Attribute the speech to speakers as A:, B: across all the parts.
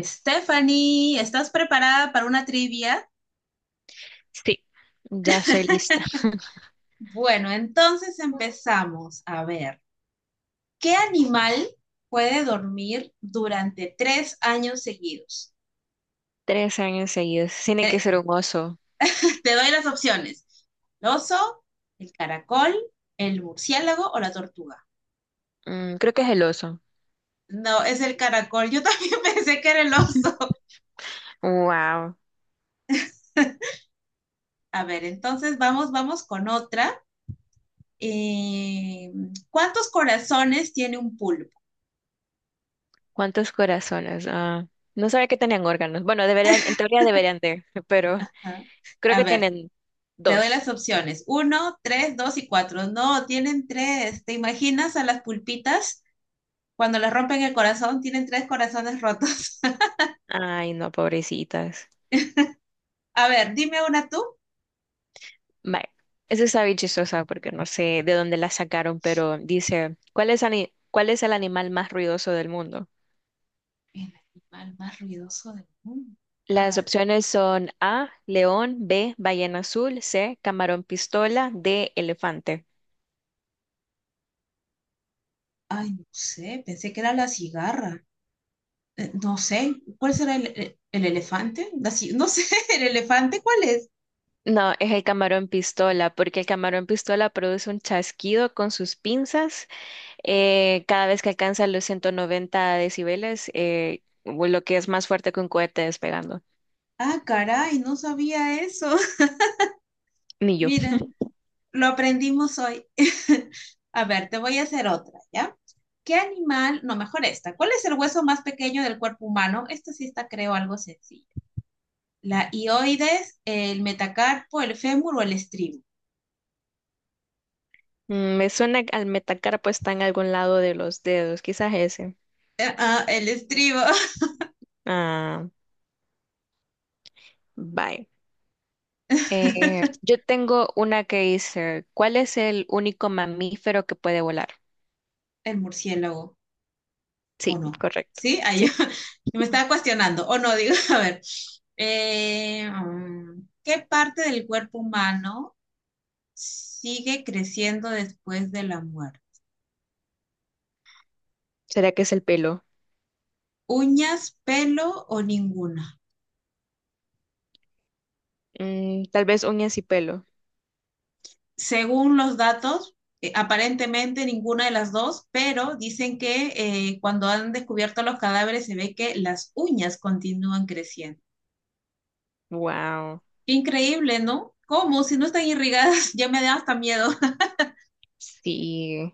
A: Stephanie, ¿estás preparada para una trivia?
B: Sí, ya estoy lista.
A: Bueno, entonces empezamos. A ver, ¿qué animal puede dormir durante tres años seguidos?
B: 3 años seguidos. Tiene que
A: Eh,
B: ser un oso.
A: te doy las opciones. ¿El oso, el caracol, el murciélago o la tortuga?
B: Creo que es el oso.
A: No, es el caracol. Yo también pensé que era el oso.
B: Wow.
A: A ver, entonces vamos, vamos con otra. Eh, ¿Cuántos corazones tiene un pulpo?
B: ¿Cuántos corazones? Ah, no sabía que tenían órganos. Bueno, deberían, en teoría deberían de, pero
A: Ah,
B: creo
A: a
B: que
A: ver,
B: tienen
A: te doy
B: dos.
A: las opciones. Uno, tres, dos y cuatro. No, tienen tres. ¿Te imaginas a las pulpitas? Cuando les rompen el corazón, tienen tres corazones rotos.
B: Ay, no, pobrecitas.
A: A ver, dime una tú.
B: Vale. Eso está bien chistosa porque no sé de dónde la sacaron, pero dice, ¿ cuál es el animal más ruidoso del mundo?
A: El animal más ruidoso del mundo.
B: Las
A: Ah,
B: opciones son A, león, B, ballena azul, C, camarón pistola, D, elefante.
A: ay, no sé, pensé que era la cigarra. No sé, ¿cuál será el elefante? No sé, ¿el elefante cuál es?
B: No, es el camarón pistola, porque el camarón pistola produce un chasquido con sus pinzas, cada vez que alcanza los 190 decibeles, o lo que es más fuerte que un cohete despegando.
A: Ah, caray, no sabía eso.
B: Ni yo.
A: Mira, lo aprendimos hoy. A ver, te voy a hacer otra, ¿ya? ¿Qué animal? No, mejor esta. ¿Cuál es el hueso más pequeño del cuerpo humano? Esta sí está, creo, algo sencillo. ¿La hioides, el metacarpo, el fémur o el estribo?
B: Me suena que al metacarpo está en algún lado de los dedos, quizás ese.
A: Ah, el estribo.
B: Ah, bye. Eh, yo tengo una que dice, ¿cuál es el único mamífero que puede volar?
A: El murciélago, ¿o
B: Sí,
A: no?
B: correcto.
A: ¿Sí? Ahí
B: ¿Sí?
A: me estaba cuestionando. ¿O no? Digo, a ver. ¿Qué parte del cuerpo humano sigue creciendo después de la muerte?
B: ¿Será que es el pelo?
A: ¿Uñas, pelo o ninguna?
B: Tal vez uñas y pelo.
A: Según los datos, aparentemente ninguna de las dos, pero dicen que cuando han descubierto los cadáveres se ve que las uñas continúan creciendo.
B: Wow,
A: Increíble, ¿no? ¿Cómo? Si no están irrigadas, ya me da hasta miedo.
B: sí,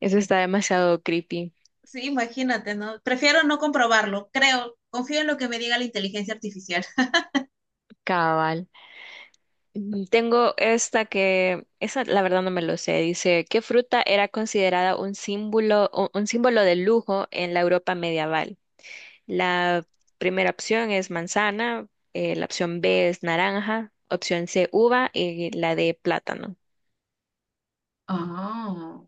B: eso está demasiado creepy,
A: Sí, imagínate, ¿no? Prefiero no comprobarlo, creo. Confío en lo que me diga la inteligencia artificial.
B: cabal. Tengo esta que, esa la verdad no me lo sé, dice, ¿qué fruta era considerada un símbolo de lujo en la Europa medieval? La primera opción es manzana, la opción B es naranja, opción C uva y la D plátano.
A: Ah,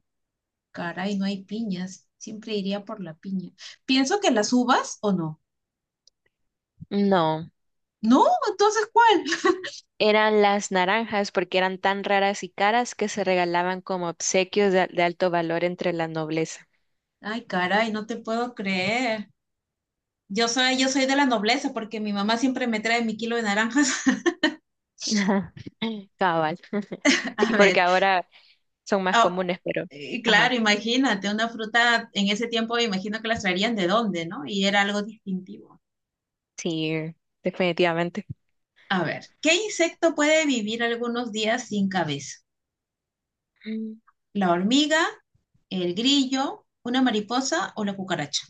A: caray, no hay piñas. Siempre iría por la piña. Pienso que las uvas o no.
B: No,
A: No, entonces ¿cuál?
B: eran las naranjas porque eran tan raras y caras que se regalaban como obsequios de alto valor entre la nobleza.
A: Ay, caray, no te puedo creer. Yo soy de la nobleza porque mi mamá siempre me trae mi kilo de naranjas.
B: Ajá. Cabal. Sí,
A: A
B: porque
A: ver,
B: ahora son más
A: oh,
B: comunes, pero
A: y
B: ajá,
A: claro, imagínate, una fruta en ese tiempo, imagino que las traerían de dónde, ¿no? Y era algo distintivo.
B: sí, definitivamente.
A: A ver, ¿qué insecto puede vivir algunos días sin cabeza?
B: Mm.
A: ¿La hormiga, el grillo, una mariposa o la cucaracha?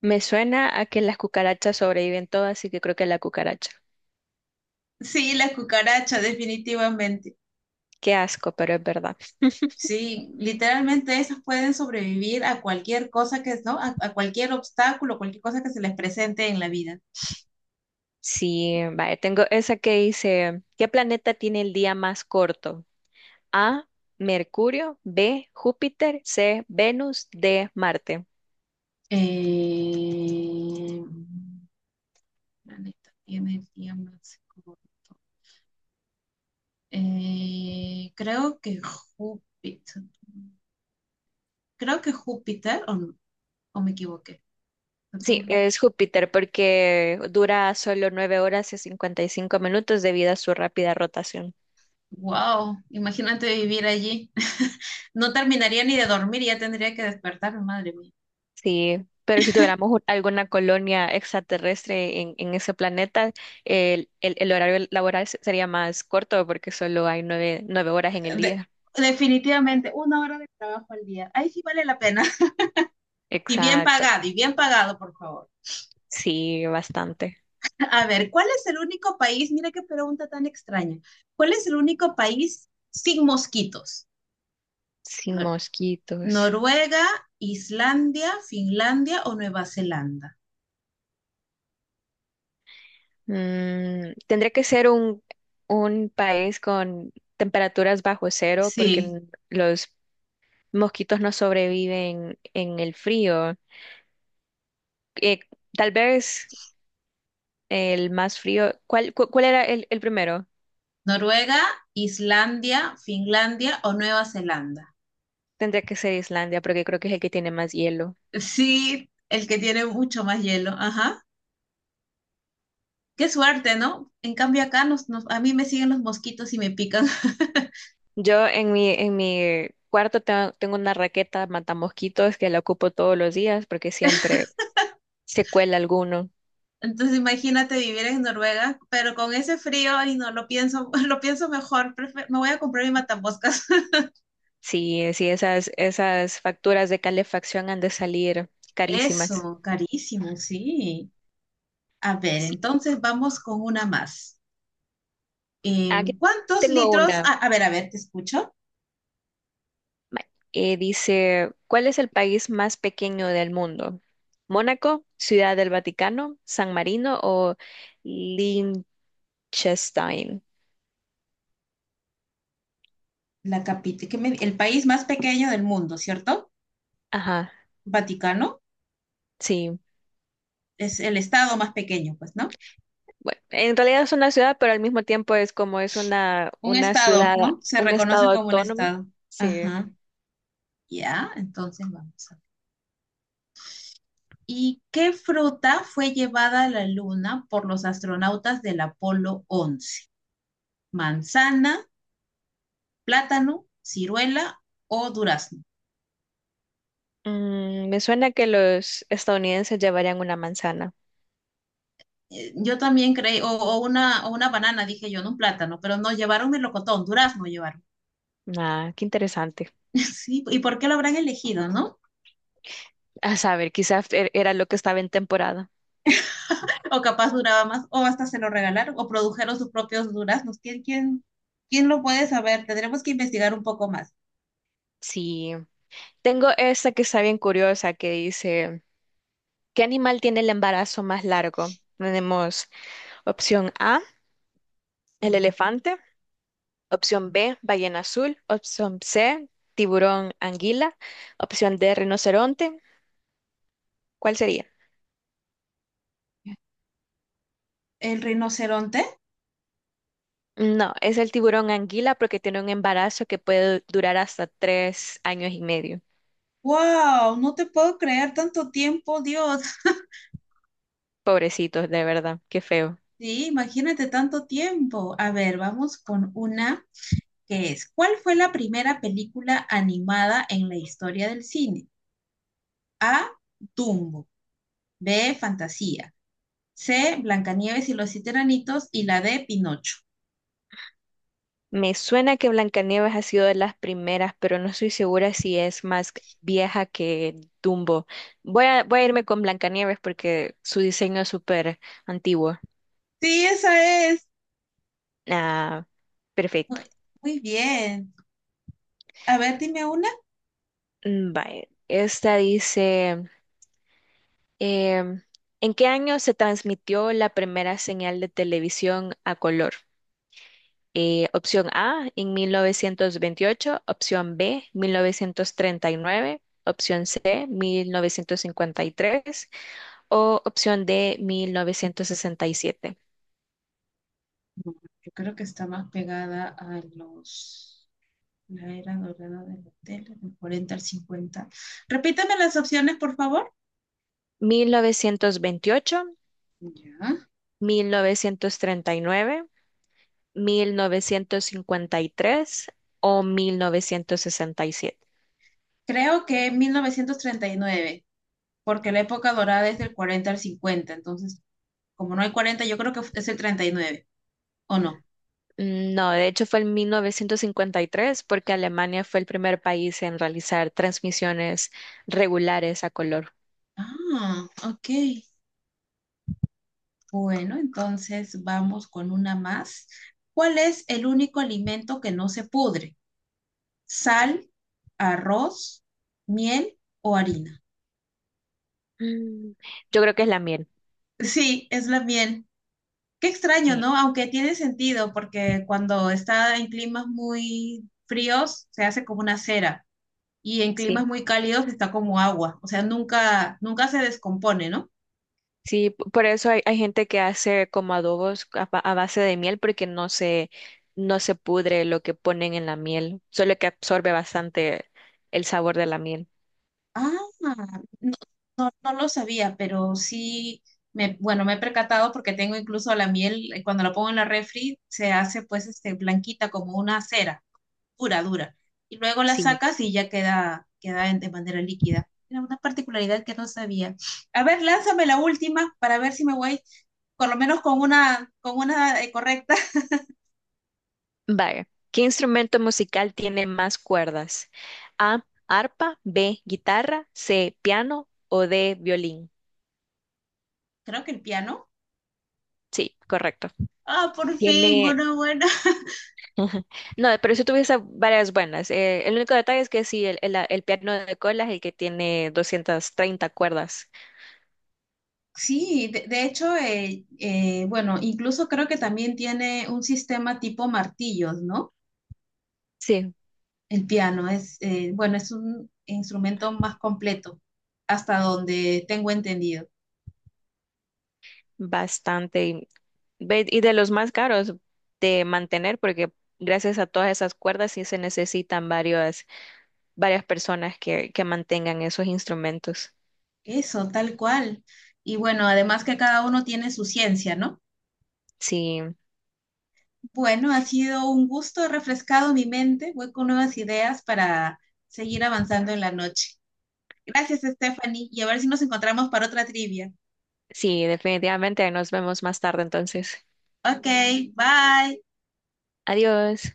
B: Me suena a que las cucarachas sobreviven todas, así que creo que la cucaracha.
A: Sí, la cucaracha, definitivamente.
B: Qué asco, pero es verdad.
A: Sí, literalmente esas pueden sobrevivir a cualquier cosa que, ¿no? A cualquier obstáculo, cualquier cosa que se les presente en la vida.
B: Sí, vaya, tengo esa que dice, ¿qué planeta tiene el día más corto? A, Mercurio, B, Júpiter, C, Venus, D, Marte.
A: Eh, la neta tiene el día más corto. Creo que Júpiter. Creo que Júpiter, o, ¿no? O me equivoqué.
B: Sí,
A: Saturno.
B: es Júpiter porque dura solo 9 horas y 55 minutos debido a su rápida rotación.
A: ¡Wow! Imagínate vivir allí. No terminaría ni de dormir, ya tendría que despertarme, madre mía.
B: Sí, pero si tuviéramos alguna colonia extraterrestre en ese planeta, el horario laboral sería más corto porque solo hay nueve horas en el
A: De-
B: día.
A: definitivamente, una hora de trabajo al día. Ahí sí vale la pena.
B: Exacto.
A: Y bien pagado, por favor.
B: Sí, bastante.
A: A ver, ¿cuál es el único país? Mira qué pregunta tan extraña. ¿Cuál es el único país sin mosquitos?
B: Sin
A: Nor-
B: mosquitos.
A: ¿Noruega, Islandia, Finlandia o Nueva Zelanda?
B: Tendría que ser un país con temperaturas bajo cero porque
A: Sí,
B: los mosquitos no sobreviven en el frío. Eh, tal vez el más frío. ¿Cuál era el primero?
A: Noruega, Islandia, Finlandia o Nueva Zelanda.
B: Tendría que ser Islandia, porque creo que es el que tiene más hielo.
A: Sí, el que tiene mucho más hielo. Ajá. Qué suerte, ¿no? En cambio acá a mí me siguen los mosquitos y me pican.
B: Yo en mi cuarto tengo una raqueta matamosquitos que la ocupo todos los días porque siempre se cuela alguno.
A: Entonces imagínate vivir en Noruega, pero con ese frío y no lo pienso, lo pienso mejor, me voy a comprar mi matamoscas.
B: Sí, sí, esas facturas de calefacción han de salir carísimas.
A: Eso, carísimo, sí. A ver,
B: Sí,
A: entonces vamos con una más.
B: aquí
A: ¿Cuántos
B: tengo
A: litros?
B: una.
A: A ver, te escucho.
B: Ma- Dice, ¿cuál es el país más pequeño del mundo? ¿Mónaco, Ciudad del Vaticano, San Marino o Liechtenstein?
A: La capi- que me- el país más pequeño del mundo, ¿cierto?
B: Ajá,
A: Vaticano
B: sí.
A: es el estado más pequeño, pues, ¿no?
B: Bueno, en realidad es una ciudad, pero al mismo tiempo es como es una,
A: Un
B: una
A: estado,
B: ciudad,
A: ¿no? Se
B: un
A: reconoce
B: estado
A: como un
B: autónomo.
A: estado.
B: Sí.
A: Ajá. Ya, entonces vamos. ¿Y qué fruta fue llevada a la Luna por los astronautas del Apolo 11? ¿Manzana, plátano, ciruela o durazno?
B: Me suena que los estadounidenses llevarían una manzana.
A: Yo también creí, o una banana, dije yo, no un plátano, pero no, llevaron melocotón, durazno llevaron.
B: Ah, qué interesante.
A: Sí, ¿y por qué lo habrán elegido, no?
B: A saber, quizás era lo que estaba en temporada.
A: O capaz duraba más, o hasta se lo regalaron, o produjeron sus propios duraznos. ¿Quién, quién, quién lo puede saber? Tendremos que investigar un poco más.
B: Sí. Tengo esta que está bien curiosa que dice, ¿qué animal tiene el embarazo más largo? Tenemos opción A, el elefante, opción B, ballena azul. Opción C, tiburón anguila. Opción D, rinoceronte. ¿Cuál sería?
A: ¿El rinoceronte?
B: No, es el tiburón anguila porque tiene un embarazo que puede durar hasta 3 años y medio.
A: ¡Wow! No te puedo creer tanto tiempo, Dios.
B: Pobrecitos, de verdad, qué feo.
A: Sí, imagínate tanto tiempo. A ver, vamos con una que es, ¿cuál fue la primera película animada en la historia del cine? A, Dumbo, B, Fantasía, C, Blancanieves y los siete enanitos y la D, Pinocho.
B: Me suena que Blancanieves ha sido de las primeras, pero no estoy segura si es más vieja que Dumbo. Voy a irme con Blancanieves porque su diseño es súper antiguo.
A: Sí, esa es.
B: Ah,
A: Muy,
B: perfecto.
A: muy bien. A ver, dime una.
B: Mm, vale. Esta dice. Em, ¿en qué año se transmitió la primera señal de televisión a color? Opción A, en 1928, opción B, 1939, opción C, 1953 o opción D, 1967.
A: No, yo creo que está más pegada a los... La era dorada de la tele, del 40 al 50. Repítame las opciones, por favor.
B: 1928,
A: Ya.
B: 1939, 1953 o 1967.
A: Creo que en 1939, porque la época dorada es del 40 al 50. Entonces, como no hay 40, yo creo que es el 39. ¿O no?
B: No, de hecho fue en 1953 porque Alemania fue el primer país en realizar transmisiones regulares a color.
A: Ah, ok. Bueno, entonces vamos con una más. ¿Cuál es el único alimento que no se pudre? ¿Sal, arroz, miel o harina?
B: Mm, Yo creo que es la miel.
A: Sí, es la miel. Qué extraño,
B: Eh,
A: ¿no? Aunque tiene sentido, porque cuando está en climas muy fríos, se hace como una cera y en climas
B: Sí,
A: muy cálidos está como agua, o sea, nunca, nunca se descompone, ¿no?
B: sí, por eso hay gente que hace como adobos a base de miel porque no se pudre lo que ponen en la miel, solo que absorbe bastante el sabor de la miel.
A: Ah, no, no, no lo sabía, pero sí, me, bueno, me he percatado porque tengo incluso la miel, cuando la pongo en la refri, se hace pues este, blanquita como una cera, dura, dura. Y luego la
B: Sí.
A: sacas y ya queda, de manera líquida. Era una particularidad que no sabía. A ver, lánzame la última para ver si me voy, por lo menos con una correcta.
B: Vaya, ¿qué instrumento musical tiene más cuerdas? A, arpa, B, guitarra, C, piano o D, violín.
A: Creo que el piano.
B: Sí, correcto.
A: Ah, por fin,
B: Tiene.
A: una buena.
B: No, pero eso tuviste varias buenas. El único detalle es que sí, el piano de cola es el que tiene 230 cuerdas.
A: Sí, de hecho, bueno, incluso creo que también tiene un sistema tipo martillos, ¿no?
B: Sí,
A: El piano es, bueno, es un instrumento más completo, hasta donde tengo entendido.
B: bastante. Y de los más caros de mantener, porque gracias a todas esas cuerdas sí se necesitan varias personas que mantengan esos instrumentos.
A: Eso, tal cual. Y bueno, además que cada uno tiene su ciencia, ¿no?
B: Sí.
A: Bueno, ha sido un gusto, he refrescado mi mente, voy con nuevas ideas para seguir avanzando en la noche. Gracias, Stephanie, y a ver si nos encontramos para otra trivia.
B: Sí, definitivamente. Nos vemos más tarde entonces.
A: Okay, bye.
B: Adiós.